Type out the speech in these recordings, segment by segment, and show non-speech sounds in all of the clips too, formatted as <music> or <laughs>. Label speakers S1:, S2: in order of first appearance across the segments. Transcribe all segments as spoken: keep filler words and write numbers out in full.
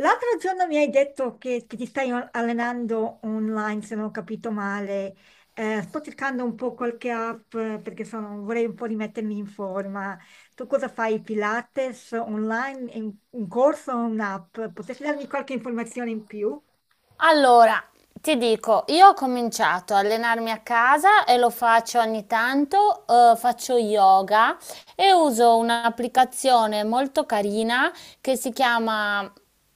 S1: L'altro giorno mi hai detto che, che ti stai allenando online, se non ho capito male. Eh, sto cercando un po' qualche app eh, perché sono- vorrei un po' rimettermi in forma. Tu cosa fai? Pilates online? È Un, un corso o un'app? Potresti darmi qualche informazione in più?
S2: Allora, ti dico, io ho cominciato a allenarmi a casa e lo faccio ogni tanto, eh, faccio yoga e uso un'applicazione molto carina che si chiama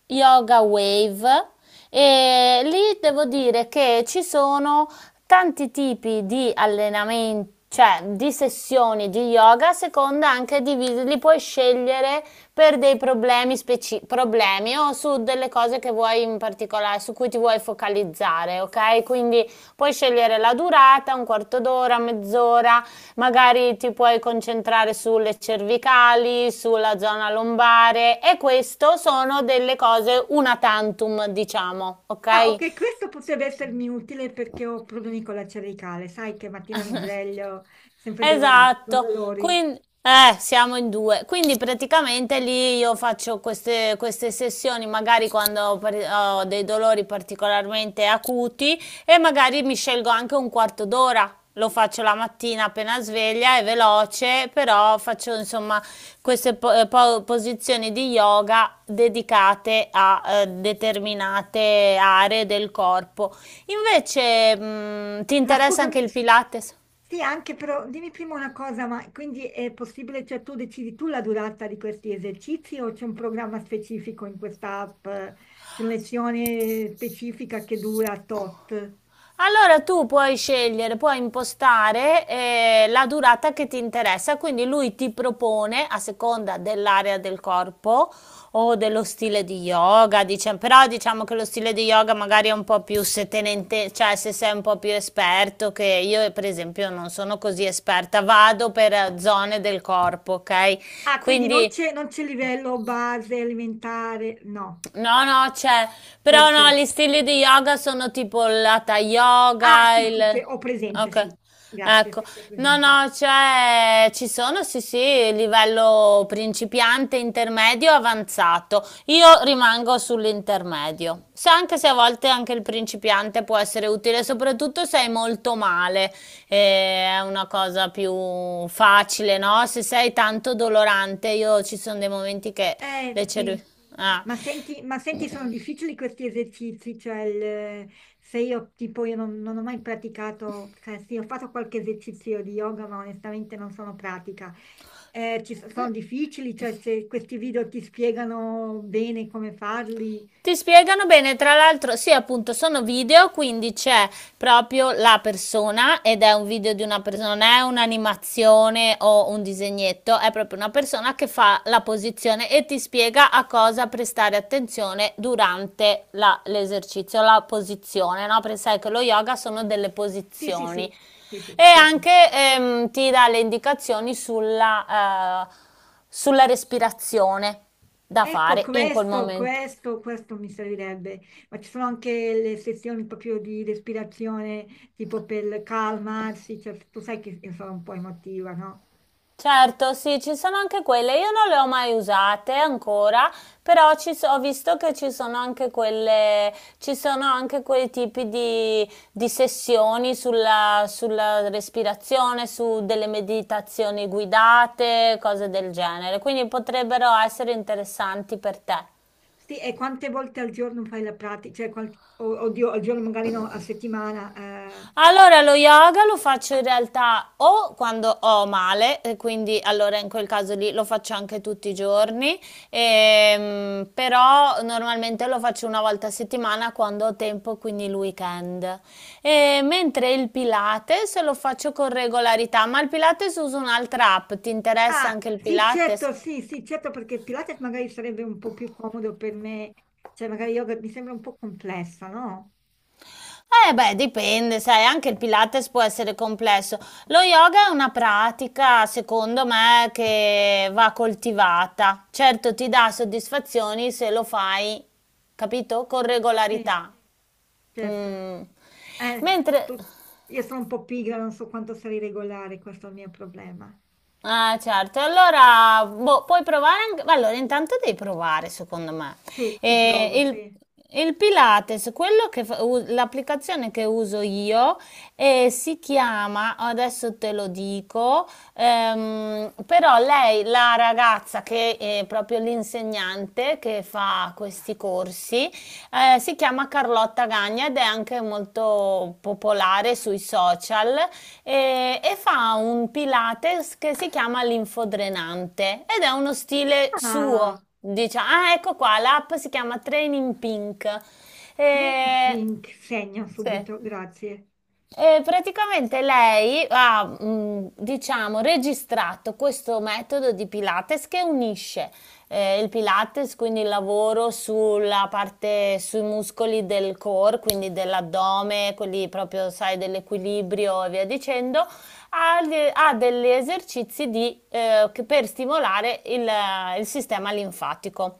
S2: Yoga Wave e lì devo dire che ci sono tanti tipi di allenamenti, cioè di sessioni di yoga, a seconda anche di, vi- li puoi scegliere per dei problemi speci- problemi o su delle cose che vuoi in particolare, su cui ti vuoi focalizzare, ok? Quindi puoi scegliere la durata, un quarto d'ora, mezz'ora, magari ti puoi concentrare sulle cervicali, sulla zona lombare e questo sono delle cose una tantum, diciamo,
S1: Ah,
S2: ok?
S1: ok, questo potrebbe essermi utile perché ho problemi con la cervicale. Sai che mattina mi
S2: <laughs>
S1: sveglio sempre dolorata, con
S2: Esatto,
S1: dolori.
S2: quindi eh, siamo in due. Quindi praticamente lì io faccio queste, queste sessioni, magari quando ho, par- ho dei dolori particolarmente acuti e magari mi scelgo anche un quarto d'ora. Lo faccio la mattina appena sveglia, è veloce, però faccio insomma queste po- eh, po- posizioni di yoga dedicate a eh, determinate aree del corpo. Invece, mh, ti
S1: Ma
S2: interessa anche
S1: scusami,
S2: il Pilates?
S1: sì, anche però dimmi prima una cosa, ma quindi è possibile, cioè tu decidi tu la durata di questi esercizi o c'è un programma specifico in questa app? C'è una lezione specifica che dura tot?
S2: Allora tu puoi scegliere, puoi impostare eh, la durata che ti interessa, quindi lui ti propone a seconda dell'area del corpo o dello stile di yoga, diciamo, però diciamo che lo stile di yoga magari è un po' più se te ne inte- cioè se sei un po' più esperto, che io per esempio non sono così esperta, vado per zone del corpo, ok?
S1: Ah, quindi non
S2: Quindi.
S1: c'è non c'è livello base alimentare, no,
S2: No, no, c'è,
S1: c'è,
S2: però no,
S1: c'è.
S2: gli stili di yoga sono tipo l'hatha
S1: Ah,
S2: yoga,
S1: sì, sì, c'è,
S2: il...
S1: ho presente,
S2: Ok,
S1: sì, grazie,
S2: ecco.
S1: sì, sì, ho
S2: No,
S1: presente.
S2: no, c'è, ci sono, sì, sì, livello principiante, intermedio, avanzato. Io rimango sull'intermedio. Se Anche se a volte anche il principiante può essere utile, soprattutto se hai molto male, eh, è una cosa più facile, no? Se sei tanto dolorante, io ci sono dei momenti che
S1: Eh
S2: le
S1: sì,
S2: cervi... Ah.
S1: ma senti, ma senti, sono difficili questi esercizi, cioè il- se io tipo io non, non ho mai praticato, cioè sì, ho fatto qualche esercizio di yoga, ma onestamente non sono pratica. Eh, ci so- sono difficili, cioè se questi video ti spiegano bene come farli.
S2: Ti spiegano bene, tra l'altro, sì, appunto, sono video, quindi c'è proprio la persona ed è un video di una persona, non è un'animazione o un disegnetto, è proprio una persona che fa la posizione e ti spiega a cosa prestare attenzione durante la- l'esercizio, la posizione, no? Perché sai che lo yoga sono delle
S1: Sì, sì, sì,
S2: posizioni
S1: sì, sì,
S2: e
S1: certo.
S2: anche ehm, ti dà le indicazioni sulla eh, sulla respirazione da
S1: Ecco,
S2: fare in quel
S1: questo,
S2: momento.
S1: questo, questo mi servirebbe, ma ci sono anche le sessioni proprio di respirazione, tipo per calmarsi, cioè, tu sai che io sono un po' emotiva, no?
S2: Certo, sì, ci sono anche quelle. Io non le ho mai usate ancora, però ci so- ho visto che ci sono anche quelle, ci sono anche quei tipi di, di sessioni sulla, sulla respirazione, su delle meditazioni guidate, cose del genere. Quindi potrebbero essere interessanti per te.
S1: Sì, e quante volte al giorno fai la pratica? Cioè, qual- o- oddio, al giorno magari no, a settimana. eh.
S2: Allora, lo yoga lo faccio in realtà o quando ho male, e quindi allora in quel caso lì lo faccio anche tutti i giorni, ehm, però normalmente lo faccio una volta a settimana quando ho tempo, quindi il weekend. E mentre il Pilates lo faccio con regolarità, ma il Pilates uso un'altra app, ti interessa
S1: Ah,
S2: anche il
S1: sì,
S2: Pilates?
S1: certo, sì, sì, certo, perché Pilates magari sarebbe un po' più comodo per me, cioè magari yoga mi sembra un po' complessa, no?
S2: Eh beh, dipende, sai, anche il Pilates può essere complesso. Lo yoga è una pratica, secondo me, che va coltivata. Certo, ti dà soddisfazioni se lo fai, capito? Con
S1: Sì,
S2: regolarità.
S1: certo.
S2: Mm.
S1: Eh,
S2: Mentre.
S1: tu- io sono un po' pigra, non so quanto sarei regolare, questo è il mio problema.
S2: Ah, certo. Allora, boh, puoi provare anche... Allora, intanto devi provare, secondo me.
S1: Sì, ci
S2: Eh,
S1: provo,
S2: il,
S1: sì.
S2: il Pilates, quello che fa- u- l'applicazione che uso io eh, si chiama, adesso te lo dico, ehm, però lei, la ragazza che è proprio l'insegnante, che fa questi corsi, eh, si chiama Carlotta Gagna ed è anche molto popolare sui social eh, e, fa un Pilates che si chiama l'infodrenante ed è uno stile suo.
S1: Ah,
S2: Diciamo, ah, ecco qua, l'app si chiama Training Pink.
S1: Training
S2: Eh,
S1: Pink, segno
S2: sì.
S1: subito, grazie.
S2: Eh, praticamente lei ha, mh, diciamo, registrato questo metodo di Pilates che unisce eh, il Pilates, quindi il lavoro sulla parte, sui muscoli del core, quindi dell'addome, quelli proprio, sai, dell'equilibrio e via dicendo, ha, de- ha degli esercizi di, eh, che- per stimolare il, il sistema linfatico.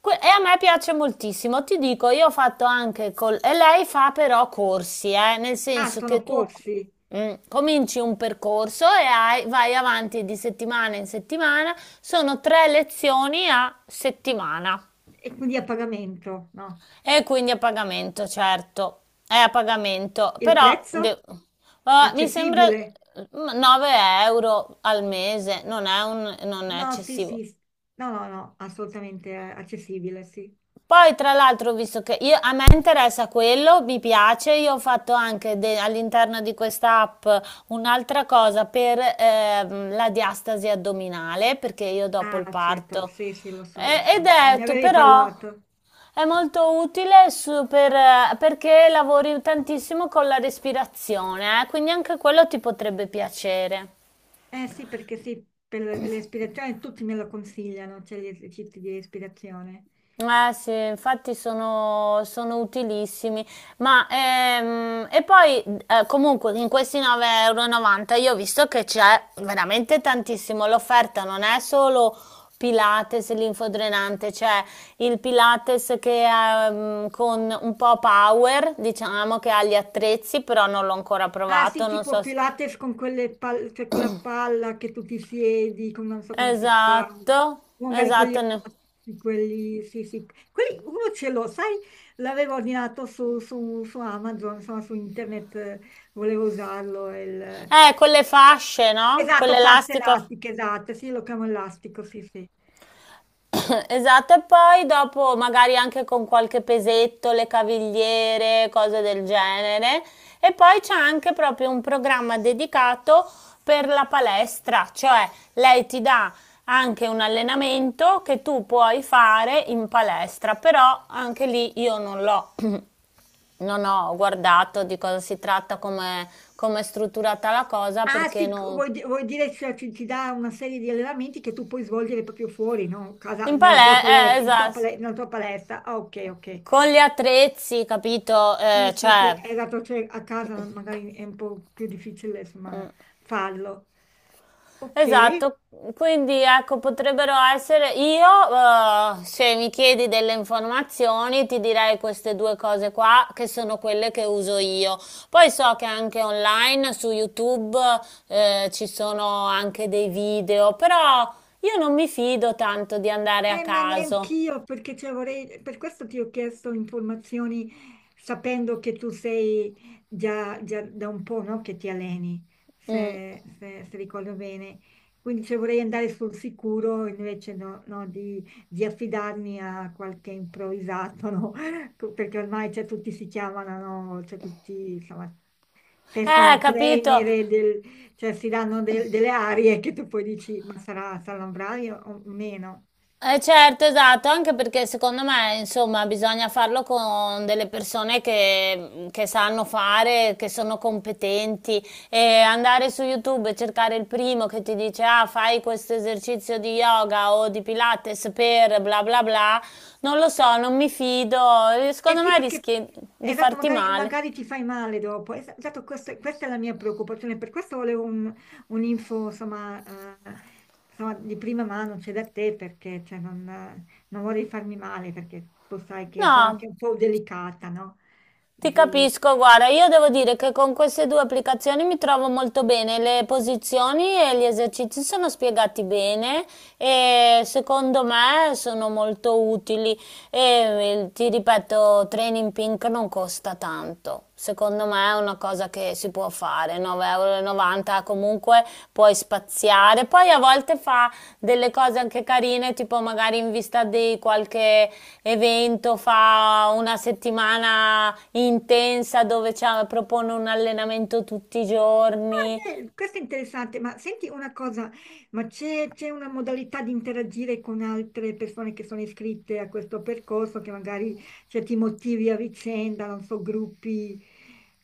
S2: Que- E a me piace moltissimo, ti dico, io ho fatto anche col... E lei fa però corsi, eh, nel
S1: Ah,
S2: senso
S1: sono
S2: che tu
S1: corsi
S2: mm, cominci un percorso e hai- vai avanti di settimana in settimana, sono tre lezioni a settimana.
S1: e quindi a pagamento, no?
S2: E quindi a pagamento, certo, è a pagamento,
S1: Il
S2: però
S1: prezzo?
S2: de- eh, mi sembra
S1: Accessibile?
S2: mm, nove euro al mese, non è, un- non è
S1: No, sì,
S2: eccessivo.
S1: sì, no, no, no, assolutamente eh, accessibile, sì.
S2: Poi, tra l'altro, ho visto che io- a me interessa quello, mi piace, io ho fatto anche de- all'interno di questa app un'altra cosa per ehm, la diastasi addominale, perché io dopo il
S1: Ah, certo,
S2: parto.
S1: sì, sì, lo so, lo
S2: E- ed
S1: so. Me ne
S2: è, tu,
S1: avevi
S2: però,
S1: parlato.
S2: è molto utile su- per, eh, perché lavori tantissimo con la respirazione, eh, quindi anche quello ti potrebbe piacere.
S1: Eh sì, perché sì, per l'ispirazione tutti me lo consigliano, cioè gli esercizi di respirazione.
S2: Eh sì, infatti sono, sono utilissimi, ma ehm, e poi eh, comunque in questi nove e novanta euro e novanta io ho visto che c'è veramente tantissimo, l'offerta non è solo Pilates linfodrenante, c'è il Pilates che è ehm, con un po' power, diciamo che ha gli attrezzi, però non l'ho ancora
S1: Ah sì,
S2: provato, non
S1: tipo
S2: so se...
S1: Pilates con quelle pal- cioè quella palla che tu ti siedi, con- non so come si chiama,
S2: Esatto,
S1: o magari con gli
S2: esatto, ne-
S1: altri, quelli, sì sì. Quelli, uno ce l'ho, sai, l'avevo ordinato su, su- su Amazon, insomma su internet, eh, volevo usarlo. il-
S2: eh, con le fasce, no? Con
S1: Esatto, fasce
S2: l'elastico.
S1: elastiche, esatto, sì, lo chiamo elastico, sì sì.
S2: <coughs> Esatto, e poi dopo magari anche con qualche pesetto, le cavigliere, cose del genere. E poi c'è anche proprio un programma dedicato per la palestra, cioè lei ti dà anche un allenamento che tu puoi fare in palestra, però anche lì io non l'ho, <coughs> non ho guardato di cosa si tratta, come come è strutturata la cosa,
S1: Ah,
S2: perché
S1: sì, c-
S2: non...
S1: vuoi, di- vuoi dire che ci, ci dà una serie di allenamenti che tu puoi svolgere proprio fuori, no? Casa-
S2: In
S1: nella tua
S2: palestra, eh,
S1: palestra, in tua
S2: esatto,
S1: pale- nella tua palestra. Ah, ok, ok.
S2: con gli attrezzi, capito?
S1: Sì,
S2: Eh,
S1: sì, sì,
S2: cioè...
S1: è dato cioè, a casa magari è un po' più difficile, insomma, farlo. Ok.
S2: Esatto, quindi ecco, potrebbero essere io, eh, se mi chiedi delle informazioni, ti direi queste due cose qua che sono quelle che uso io. Poi so che anche online su YouTube eh, ci sono anche dei video, però io non mi fido tanto di andare a
S1: Eh, ma
S2: caso.
S1: neanch'io, perché cioè, vorrei, per questo ti ho chiesto informazioni sapendo che tu sei già, già da un po', no, che ti alleni,
S2: Mm.
S1: se, se- se ricordo bene. Quindi cioè, vorrei andare sul sicuro invece no- no, di, di affidarmi a qualche improvvisato, no? <laughs> Co- Perché ormai cioè, tutti si chiamano, no? Cioè, tutti insomma,
S2: Eh,
S1: personal
S2: capito?
S1: trainer, e del- cioè, si danno del- delle arie che tu poi dici, ma sarà, sarà un bravo o meno?
S2: Eh certo, esatto, anche perché secondo me, insomma, bisogna farlo con delle persone che, che sanno fare, che sono competenti e andare su YouTube e cercare il primo che ti dice ah, fai questo esercizio di yoga o di Pilates per bla bla bla, non lo so, non mi fido,
S1: Eh
S2: secondo
S1: sì,
S2: me
S1: perché
S2: rischi
S1: eh,
S2: di
S1: esatto,
S2: farti
S1: magari,
S2: male.
S1: magari ti fai male dopo. Es- Esatto, questo- questa è la mia preoccupazione, per questo volevo un, un'info, insomma, eh, insomma, di prima mano, cioè da te, perché cioè, non, eh, non vorrei farmi male, perché tu sai che sono anche
S2: No,
S1: un po' delicata, no?
S2: ti capisco, guarda, io devo dire che con queste due applicazioni mi trovo molto bene, le posizioni e gli esercizi sono spiegati bene e secondo me sono molto utili e eh, ti ripeto, Training Pink non costa tanto. Secondo me è una cosa che si può fare, nove virgola novanta euro comunque puoi spaziare, poi a volte fa delle cose anche carine, tipo magari in vista di qualche evento fa una settimana intensa dove c'ha- propone un allenamento tutti i giorni.
S1: Ah, beh, questo è interessante, ma senti una cosa, ma c'è c'è una modalità di interagire con altre persone che sono iscritte a questo percorso, che magari cioè, ti motivi a vicenda, non so, gruppi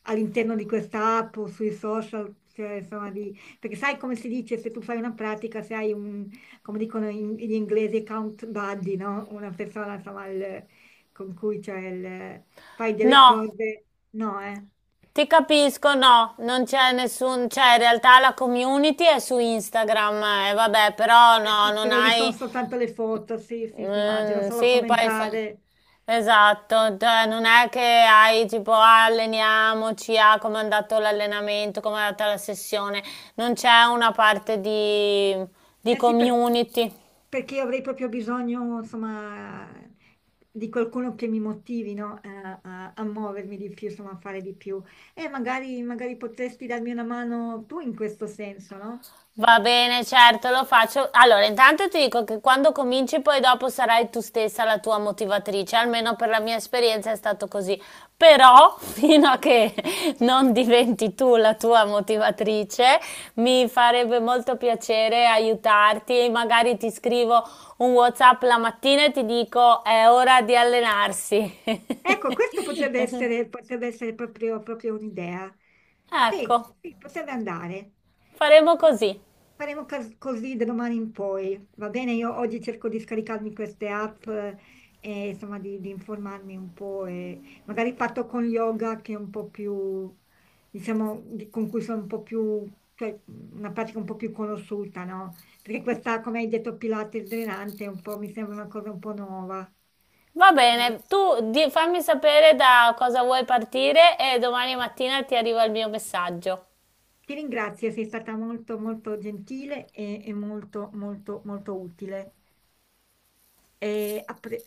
S1: all'interno di questa app o sui social, cioè, insomma, di- perché sai come si dice, se tu fai una pratica, se hai un, come dicono in- gli inglesi, count buddy, no? Una persona, insomma, il- con cui cioè, il- fai delle
S2: No,
S1: cose, no, eh?
S2: ti capisco, no, non c'è nessun, cioè in realtà la community è su Instagram, eh, vabbè, però
S1: Eh
S2: no,
S1: sì,
S2: non
S1: però lì sono
S2: hai,
S1: soltanto le foto, sì, sì, sì, immagino,
S2: Mm,
S1: solo
S2: sì, poi fa-
S1: commentare.
S2: esatto, cioè non è che hai tipo "Ah, alleniamoci, ah, come è andato l'allenamento, come è andata la sessione, non c'è una parte di, di,
S1: Eh sì, perché,
S2: community."
S1: perché avrei proprio bisogno, insomma, di qualcuno che mi motivi, no, A, a- a muovermi di più, insomma, a fare di più. E magari, magari potresti darmi una mano tu in questo senso, no?
S2: Va bene, certo, lo faccio. Allora, intanto ti dico che quando cominci poi dopo sarai tu stessa la tua motivatrice, almeno per la mia esperienza è stato così. Però, <laughs> fino a che non diventi tu la tua motivatrice, mi farebbe molto piacere aiutarti. Magari ti scrivo un WhatsApp la mattina e ti dico è ora di allenarsi. <laughs>
S1: Ecco, questo potrebbe essere, potrebbe essere proprio, proprio un'idea. Sì,
S2: Ecco,
S1: sì, potrebbe andare.
S2: faremo
S1: Sì,
S2: così.
S1: faremo cas- così da domani in poi. Va bene, io oggi cerco di scaricarmi queste app eh, e insomma di, di informarmi un po' e magari fatto con yoga che è un po' più, diciamo, di- con cui sono un po' più, cioè una pratica un po' più conosciuta, no? Perché questa, come hai detto, Pilates drenante è un po', mi sembra una cosa un po' nuova.
S2: Va bene, tu di- fammi sapere da cosa vuoi partire e domani mattina ti arriva il mio messaggio.
S1: Ti ringrazio, sei stata molto molto gentile e, e molto molto molto utile. E appre-